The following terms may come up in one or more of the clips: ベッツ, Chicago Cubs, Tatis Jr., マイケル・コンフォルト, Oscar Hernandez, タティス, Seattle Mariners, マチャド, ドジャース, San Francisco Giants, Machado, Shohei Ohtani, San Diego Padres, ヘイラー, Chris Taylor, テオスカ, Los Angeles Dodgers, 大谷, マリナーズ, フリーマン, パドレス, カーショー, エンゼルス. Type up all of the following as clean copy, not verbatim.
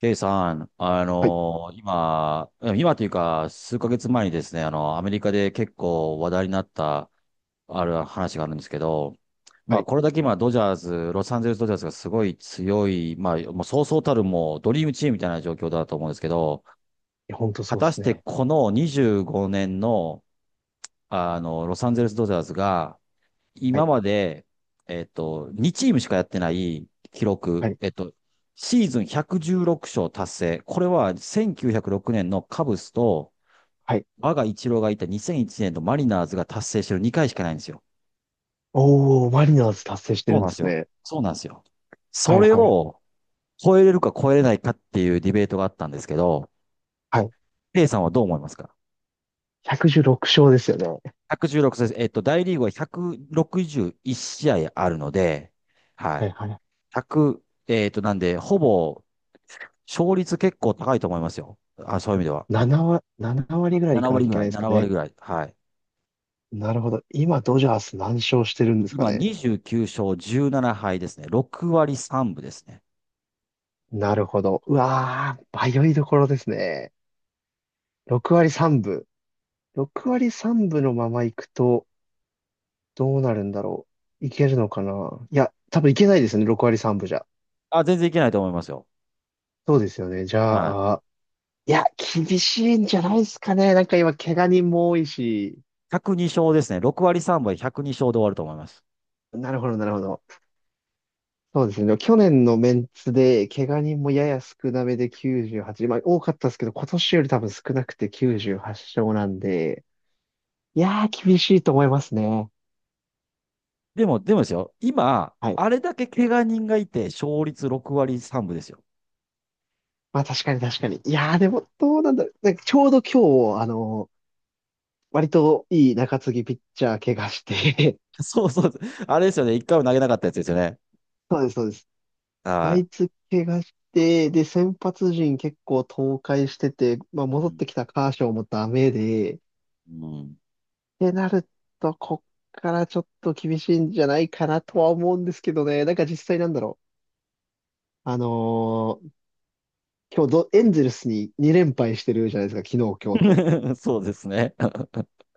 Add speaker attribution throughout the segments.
Speaker 1: ケイさん、
Speaker 2: はい、
Speaker 1: 今というか、数ヶ月前にですね、アメリカで結構話題になった、ある話があるんですけど、ま
Speaker 2: は
Speaker 1: あ、
Speaker 2: い。い
Speaker 1: これだけ今、ドジャース、ロサンゼルスドジャースがすごい強い、まあ、もうそうそうたる、ドリームチームみたいな状況だと思うんですけど、
Speaker 2: や、ほんと
Speaker 1: 果
Speaker 2: そうで
Speaker 1: たし
Speaker 2: す
Speaker 1: て
Speaker 2: ね。
Speaker 1: この25年の、ロサンゼルスドジャースが、
Speaker 2: は
Speaker 1: 今
Speaker 2: い、
Speaker 1: まで、2チームしかやってない記
Speaker 2: は
Speaker 1: 録、
Speaker 2: い、
Speaker 1: シーズン116勝達成。これは1906年のカブスと、
Speaker 2: はい。
Speaker 1: 我が一郎がいた2001年のマリナーズが達成してる2回しかないんですよ。
Speaker 2: おー、マリナーズ達成して
Speaker 1: そ
Speaker 2: る
Speaker 1: う
Speaker 2: ん
Speaker 1: な
Speaker 2: で
Speaker 1: んです
Speaker 2: す
Speaker 1: よ。
Speaker 2: ね。
Speaker 1: そうなんですよ。
Speaker 2: は
Speaker 1: そ
Speaker 2: い、
Speaker 1: れ
Speaker 2: はい、
Speaker 1: を超えれるか超えれないかっていうディベートがあったんですけど、
Speaker 2: はい。
Speaker 1: A さんはどう思いますか？
Speaker 2: 116勝ですよね。
Speaker 1: 116 です。大リーグは161試合あるので、はい。
Speaker 2: はい、はい。
Speaker 1: 1なんで、ほぼ勝率結構高いと思いますよ。あ、そういう意味では。
Speaker 2: 7割、7割ぐらいい
Speaker 1: 7
Speaker 2: かな
Speaker 1: 割
Speaker 2: きゃい
Speaker 1: ぐ
Speaker 2: け
Speaker 1: ら
Speaker 2: な
Speaker 1: い、
Speaker 2: いですか
Speaker 1: 7割
Speaker 2: ね。
Speaker 1: ぐらい。はい。
Speaker 2: なるほど。今、ドジャース何勝してるんですか
Speaker 1: 今、
Speaker 2: ね。
Speaker 1: 29勝17敗ですね。6割3分ですね。
Speaker 2: なるほど。うわー、迷いどころですね。6割3分。6割3分のまま行くと、どうなるんだろう。いけるのかな。いや、多分いけないですね。6割3分じゃ。
Speaker 1: あ、全然いけないと思いますよ。
Speaker 2: そうですよね。じ
Speaker 1: はい。
Speaker 2: ゃあ、いや、厳しいんじゃないですかね。なんか今、怪我人も多いし。
Speaker 1: 102勝ですね。6割3分で102勝で終わると思います。
Speaker 2: なるほど、なるほど。そうですね。去年のメンツで、怪我人もやや少なめで98、まあ多かったですけど、今年より多分少なくて98勝なんで、いやー、厳しいと思いますね。
Speaker 1: でもですよ。今、
Speaker 2: はい。
Speaker 1: あれだけ怪我人がいて、勝率6割3分ですよ。
Speaker 2: まあ確かに確かに。いやー、でも、どうなんだろう。なんかちょうど今日、割といい中継ぎピッチャー怪我して、
Speaker 1: そうそう。あれですよね。一回も投げなかったやつですよね。
Speaker 2: そうです。あ
Speaker 1: は
Speaker 2: いつ怪我して、で、先発陣結構倒壊してて、まあ、
Speaker 1: い。う
Speaker 2: 戻ってきたカーショーもダメで、っ
Speaker 1: ん。うん
Speaker 2: てなると、こっからちょっと厳しいんじゃないかなとは思うんですけどね。なんか実際なんだろう。今日ど、エンゼルスに2連敗してるじゃないですか、昨日、今日と。
Speaker 1: そうですね。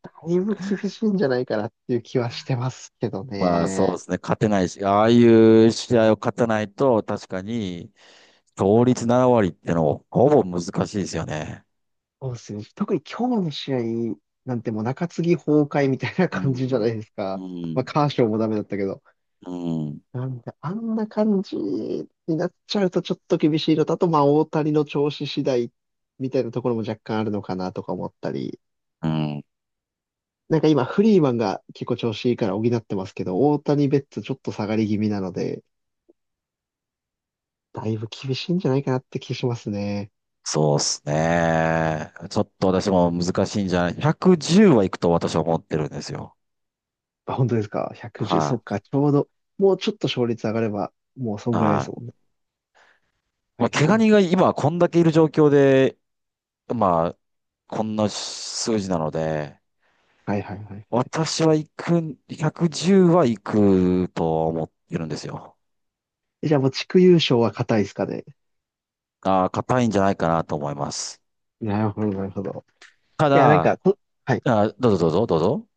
Speaker 2: だいぶ厳しいんじゃないかなっていう気はしてますけど
Speaker 1: まあそうで
Speaker 2: ね。
Speaker 1: すね、勝てないし、ああいう試合を勝たないと、確かに、勝率7割ってのはほぼ難しいですよね。
Speaker 2: そうですね。特に今日の試合なんてもう中継ぎ崩壊みたいな
Speaker 1: う
Speaker 2: 感じじゃな
Speaker 1: ん、
Speaker 2: いですか。
Speaker 1: う
Speaker 2: まあ、
Speaker 1: ん、
Speaker 2: カーショーもダメだったけど。
Speaker 1: うん、
Speaker 2: なんで、あんな感じになっちゃうとちょっと厳しいのと、あと、まあ、大谷の調子次第みたいなところも若干あるのかなとか思ったり、
Speaker 1: うん。
Speaker 2: なんか今、フリーマンが結構調子いいから補ってますけど、大谷ベッツちょっと下がり気味なので、だいぶ厳しいんじゃないかなって気しますね。
Speaker 1: そうですね。ちょっと私も難しいんじゃない？ 110 はいくと私は思ってるんですよ。
Speaker 2: あ、本当ですか？ 110、そ
Speaker 1: は
Speaker 2: っか、ちょうど、もうちょっと勝率上がれば、もうそ
Speaker 1: い。
Speaker 2: んぐらいで
Speaker 1: は
Speaker 2: す
Speaker 1: い。
Speaker 2: もんね。は
Speaker 1: まあ、
Speaker 2: い
Speaker 1: 怪
Speaker 2: はい
Speaker 1: 我
Speaker 2: は
Speaker 1: 人が
Speaker 2: い。
Speaker 1: 今こんだけいる状況で、まあ、こんな数字なので、
Speaker 2: はいはいはいはい。
Speaker 1: 私は行くん、110は行くと思ってるんですよ。
Speaker 2: え、じゃあもう地区優勝は硬いですかね。
Speaker 1: ああ、硬いんじゃないかなと思います。
Speaker 2: なるほど、なるほど。
Speaker 1: た
Speaker 2: いや、なん
Speaker 1: だ、
Speaker 2: か、はい、
Speaker 1: どうぞどうぞ、どうぞ。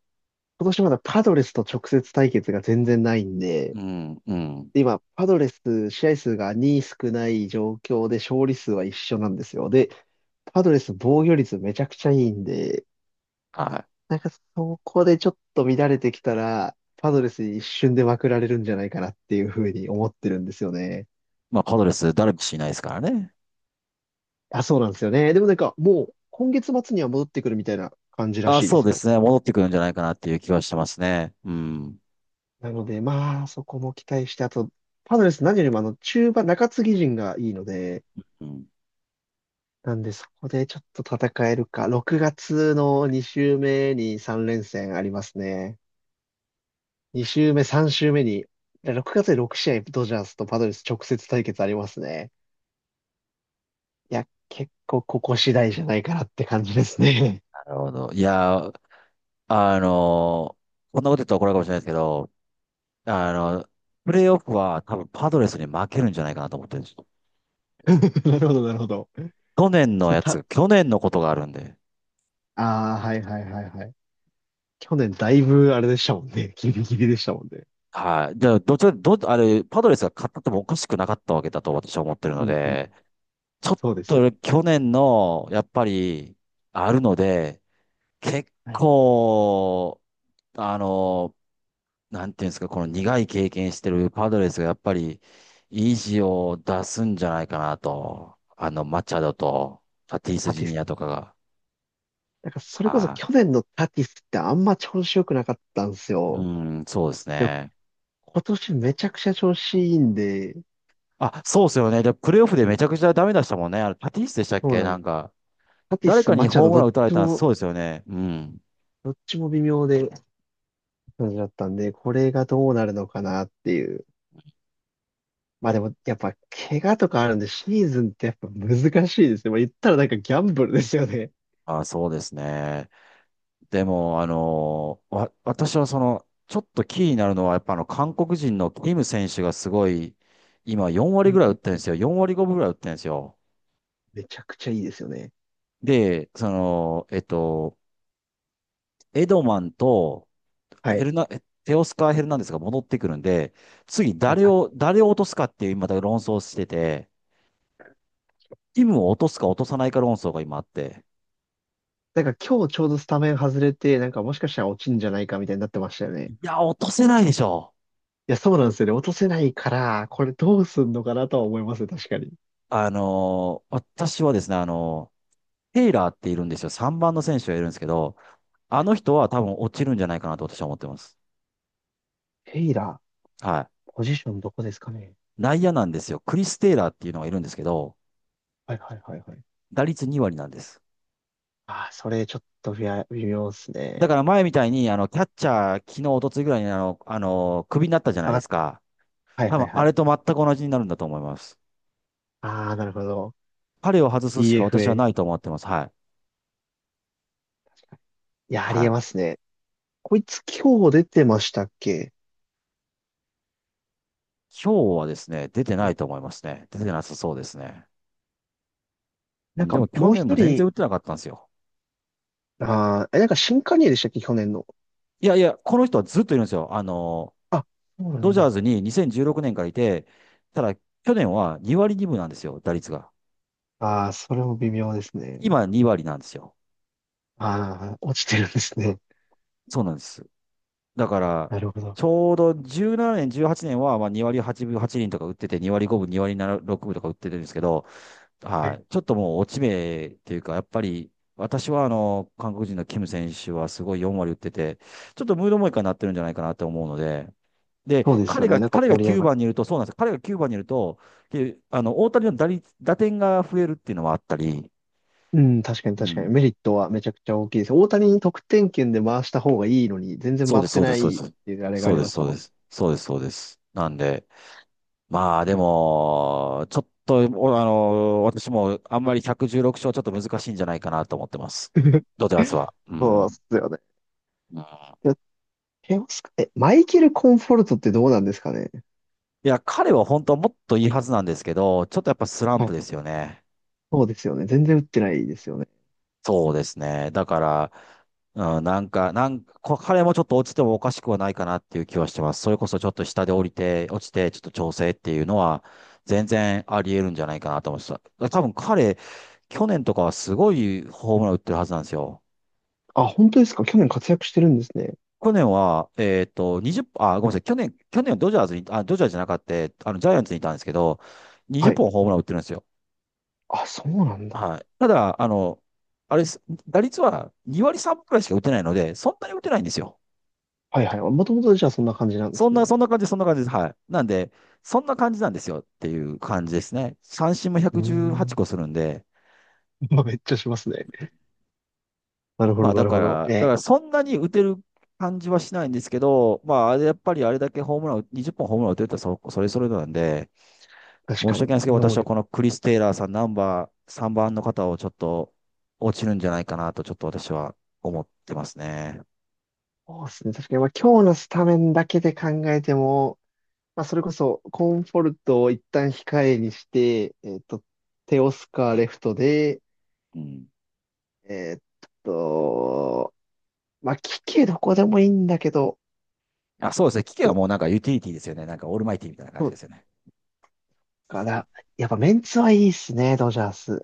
Speaker 2: 今年まだパドレスと直接対決が全然ないんで、
Speaker 1: うん、うん。
Speaker 2: で今、パドレス試合数が2少ない状況で勝利数は一緒なんですよ。で、パドレス防御率めちゃくちゃいいんで、
Speaker 1: はい。
Speaker 2: なんかそこでちょっと乱れてきたら、パドレスに一瞬でまくられるんじゃないかなっていうふうに思ってるんですよね。
Speaker 1: まあ、パドレス、ダルビッシュいないですからね。
Speaker 2: あ、そうなんですよね。でもなんかもう今月末には戻ってくるみたいな感じら
Speaker 1: あ
Speaker 2: しいで
Speaker 1: そう
Speaker 2: す
Speaker 1: で
Speaker 2: よ。
Speaker 1: すね。戻ってくるんじゃないかなっていう気はしてますね。うん。
Speaker 2: なのでまあそこも期待して、あと、パドレス何よりもあの中盤、中継ぎ陣がいいので、
Speaker 1: うん。
Speaker 2: なんで、そこでちょっと戦えるか。6月の2週目に3連戦ありますね。2週目、3週目に、6月で6試合、ドジャースとパドレス直接対決ありますね。いや、結構ここ次第じゃないかなって感じですね。
Speaker 1: なるほど。いやー、あのーこんなこと言ったら怒られるかもしれないですけど、あの、プレイオフは多分パドレスに負けるんじゃないかなと思ってるんですよ。
Speaker 2: なるほど、なるほど。それた、
Speaker 1: 去年のことがあるんで。
Speaker 2: ああ、はいはいはいはい。去年だいぶあれでしたもんね。ギリギリでしたもんね。
Speaker 1: はい。じゃあ、どっちか、ど、あれ、パドレスが勝ったってもおかしくなかったわけだと私は思ってるの
Speaker 2: うんうん。
Speaker 1: で、ちょっ
Speaker 2: そうですよ。
Speaker 1: と去年の、やっぱり、あるので、結
Speaker 2: はい。
Speaker 1: 構、あの、なんていうんですか、この苦い経験してるパドレスが、やっぱり、意地を出すんじゃないかなと。マチャドと、タティス・
Speaker 2: タ
Speaker 1: ジュ
Speaker 2: ティ
Speaker 1: ニ
Speaker 2: ス。
Speaker 1: アとかが。
Speaker 2: なんかそれこそ
Speaker 1: あ
Speaker 2: 去年のタティスってあんま調子良くなかったんです
Speaker 1: ー、
Speaker 2: よ。
Speaker 1: うん、そうですね。
Speaker 2: 今年めちゃくちゃ調子いいんで、
Speaker 1: あ、そうですよね。で、プレイオフでめちゃくちゃダメ出したもんね。あれ、タティスでしたっ
Speaker 2: そう
Speaker 1: け
Speaker 2: なん
Speaker 1: な
Speaker 2: で
Speaker 1: ん
Speaker 2: す。
Speaker 1: か、
Speaker 2: タティ
Speaker 1: 誰
Speaker 2: ス、
Speaker 1: か
Speaker 2: マ
Speaker 1: に
Speaker 2: チャ
Speaker 1: ホ
Speaker 2: ド、
Speaker 1: ーム
Speaker 2: ど
Speaker 1: ラン
Speaker 2: っ
Speaker 1: 打たれ
Speaker 2: ち
Speaker 1: たん
Speaker 2: も、
Speaker 1: そうですよね。うん。
Speaker 2: どっちも微妙で、感じだったんで、これがどうなるのかなっていう。まあでも、やっぱ、怪我とかあるんで、シーズンってやっぱ難しいですね。まあ言ったらなんかギャンブルですよね。
Speaker 1: あ、そうですね。でも、私はその、ちょっと気になるのは、やっぱ韓国人のキム選手がすごい、今4割
Speaker 2: う
Speaker 1: ぐ
Speaker 2: ん
Speaker 1: らい打
Speaker 2: う
Speaker 1: っ
Speaker 2: ん
Speaker 1: てるん
Speaker 2: う
Speaker 1: で
Speaker 2: ん。
Speaker 1: すよ。4割5分ぐらい打ってるんですよ。
Speaker 2: めちゃくちゃいいですよね。
Speaker 1: で、その、エドマンと
Speaker 2: は
Speaker 1: ヘ
Speaker 2: い。
Speaker 1: ルナ、えテオスカー・ヘルナンデスが戻ってくるんで、次
Speaker 2: はい。
Speaker 1: 誰
Speaker 2: あ、
Speaker 1: を、誰を落とすかっていう、また論争してて、キムを落とすか落とさないか論争が今あって、
Speaker 2: なんか今日ちょうどスタメン外れて、なんかもしかしたら落ちんじゃないかみたいになってましたよね。
Speaker 1: いや、落とせないでしょ。
Speaker 2: いや、そうなんですよね。落とせないから、これどうすんのかなとは思いますね、確かに。
Speaker 1: 私はですね、テイラーっているんですよ。3番の選手がいるんですけど、あの人は多分落ちるんじゃないかなと私は思ってます。
Speaker 2: ヘイラ
Speaker 1: はい。
Speaker 2: ー、ポジションどこですかね。
Speaker 1: 内野なんですよ。クリス・テイラーっていうのがいるんですけど、
Speaker 2: はいはいはいはい。
Speaker 1: 打率2割なんです。
Speaker 2: ああ、それちょっと微妙微妙っす
Speaker 1: だ
Speaker 2: ね。
Speaker 1: から前みたいに、キャッチャー、昨日、一昨日ぐらいに、クビになったじゃな
Speaker 2: あ、
Speaker 1: いで
Speaker 2: は
Speaker 1: すか。
Speaker 2: い
Speaker 1: 多
Speaker 2: はい
Speaker 1: 分、
Speaker 2: は
Speaker 1: あ
Speaker 2: い。
Speaker 1: れと全く同じになるんだと思います。
Speaker 2: ああ、なるほど。
Speaker 1: 彼を外すしか私は
Speaker 2: DFA。
Speaker 1: ないと思ってます。はい。
Speaker 2: いや、あり
Speaker 1: は
Speaker 2: え
Speaker 1: い。
Speaker 2: ますね。こいつ今日出てましたっけ？
Speaker 1: 今日はですね、出てない
Speaker 2: で、
Speaker 1: と思いますね。出てなさそうですね。う
Speaker 2: なん
Speaker 1: んで
Speaker 2: か
Speaker 1: も去
Speaker 2: もう
Speaker 1: 年
Speaker 2: 一
Speaker 1: も全然
Speaker 2: 人、
Speaker 1: 打ってなかったんですよ。
Speaker 2: ああ、え、なんか新加入でしたっけ去年の。
Speaker 1: いやいや、この人はずっといるんですよ。
Speaker 2: あ、そうな
Speaker 1: ド
Speaker 2: ん
Speaker 1: ジャー
Speaker 2: だ。
Speaker 1: ズに2016年からいて、ただ去年は2割2分なんですよ、打率が。
Speaker 2: ああ、それも微妙ですね。
Speaker 1: 今2割なんですよ。
Speaker 2: ああ、落ちてるんですね。
Speaker 1: そうなんです。だから、
Speaker 2: なるほど。
Speaker 1: ちょうど17年、18年はちねんはまあ2割8分8厘とか打ってて、2割5分、2割6分とか打ってるんですけど、
Speaker 2: は
Speaker 1: は
Speaker 2: い。
Speaker 1: い。ちょっともう落ち目っていうか、やっぱり、私は韓国人のキム選手はすごい4割打ってて、ちょっとムードもいいかになってるんじゃないかなと思うので、で、
Speaker 2: そうです
Speaker 1: 彼
Speaker 2: よ
Speaker 1: が、
Speaker 2: ね。なんか
Speaker 1: 彼が
Speaker 2: 盛り上
Speaker 1: 9
Speaker 2: がる。
Speaker 1: 番にいると、そうなんですよ。彼が9番にいると、大谷の打率、打点が増えるっていうのはあったり、
Speaker 2: うん、確かに
Speaker 1: う
Speaker 2: 確かに。メ
Speaker 1: ん。
Speaker 2: リットはめちゃくちゃ大きいです。大谷に得点圏で回した方がいいのに、全然
Speaker 1: そう
Speaker 2: 回っ
Speaker 1: です、
Speaker 2: て
Speaker 1: そうで
Speaker 2: な
Speaker 1: す、そうで
Speaker 2: いっ
Speaker 1: す。
Speaker 2: ていうあれがあ
Speaker 1: そう
Speaker 2: り
Speaker 1: で
Speaker 2: ま
Speaker 1: す、
Speaker 2: し
Speaker 1: そ
Speaker 2: た
Speaker 1: う
Speaker 2: もん
Speaker 1: で
Speaker 2: ね。
Speaker 1: す。そうです、そうです。なんで、まあでも、ちょっと、おあの、私もあんまり116勝ちょっと難しいんじゃないかなと思ってます。ドジャースは。う
Speaker 2: そうっ
Speaker 1: ん。
Speaker 2: すよね。
Speaker 1: うん、い
Speaker 2: いや、テオスカ、え、マイケル・コンフォルトってどうなんですかね。
Speaker 1: や、彼は本当はもっといいはずなんですけど、ちょっとやっぱスラン
Speaker 2: は
Speaker 1: プ
Speaker 2: い、
Speaker 1: ですよね。
Speaker 2: そうですよね。全然打ってないですよね。
Speaker 1: そうですね。だから、うん、なんか、彼もちょっと落ちてもおかしくはないかなっていう気はしてます。それこそちょっと下で降りて、落ちて、ちょっと調整っていうのは、全然あり得るんじゃないかなと思ってた。多分彼、去年とかはすごいホームラン打ってるはずなんですよ。
Speaker 2: あ、本当ですか？去年活躍してるんですね。
Speaker 1: 去年は、20、あ、ごめんなさい。去年はドジャースに、あ、ドジャースじゃなかった、ジャイアンツにいたんですけど、20
Speaker 2: はい。
Speaker 1: 本ホームラン打ってるんですよ。
Speaker 2: あ、そうなんだ。
Speaker 1: はい。ただ、あの、あれです、打率は2割3分くらいしか打てないので、そんなに打てないんですよ。
Speaker 2: はいはい。もともとじゃあそんな感じなんで
Speaker 1: そん
Speaker 2: す
Speaker 1: な、
Speaker 2: ね。
Speaker 1: そんな感じ、そんな感じです。はい。なんで、そんな感じなんですよっていう感じですね。三振も
Speaker 2: うー
Speaker 1: 118
Speaker 2: ん。
Speaker 1: 個するんで、
Speaker 2: まあ、めっちゃしますね。なるほ
Speaker 1: ま
Speaker 2: ど、
Speaker 1: あ
Speaker 2: な
Speaker 1: だ
Speaker 2: る
Speaker 1: か
Speaker 2: ほど。
Speaker 1: ら、
Speaker 2: え
Speaker 1: だか
Speaker 2: え、
Speaker 1: らそんなに打てる感じはしないんですけど、まああれやっぱりあれだけホームラン、20本ホームラン打てるとそれぞれなんで、
Speaker 2: 確
Speaker 1: 申
Speaker 2: か
Speaker 1: し訳
Speaker 2: に、
Speaker 1: ないですけど、
Speaker 2: 能
Speaker 1: 私は
Speaker 2: 力。
Speaker 1: このクリス・テイラーさん、ナンバー3番の方をちょっと落ちるんじゃないかなと、ちょっと私は思ってますね。
Speaker 2: そうですね。確かに、まあ、今日のスタメンだけで考えても、まあ、それこそ、コンフォルトを一旦控えにして、テオスカーレフトで、
Speaker 1: うん。
Speaker 2: えーっと、まあ、聞けどこでもいいんだけど、
Speaker 1: あ、そうですね。聞け
Speaker 2: い
Speaker 1: ば
Speaker 2: や、
Speaker 1: もうなんかユーティリティですよね。なんかオールマイティみたいな感
Speaker 2: そ
Speaker 1: じ
Speaker 2: う
Speaker 1: ですよね。
Speaker 2: かな。やっぱメンツはいいっすね、ドジャース。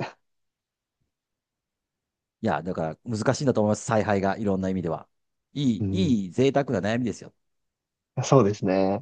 Speaker 1: いや、だから難しいんだと思います。采配が、いろんな意味では。い
Speaker 2: う
Speaker 1: い、
Speaker 2: ん、
Speaker 1: いい贅沢な悩みですよ。
Speaker 2: そうですね。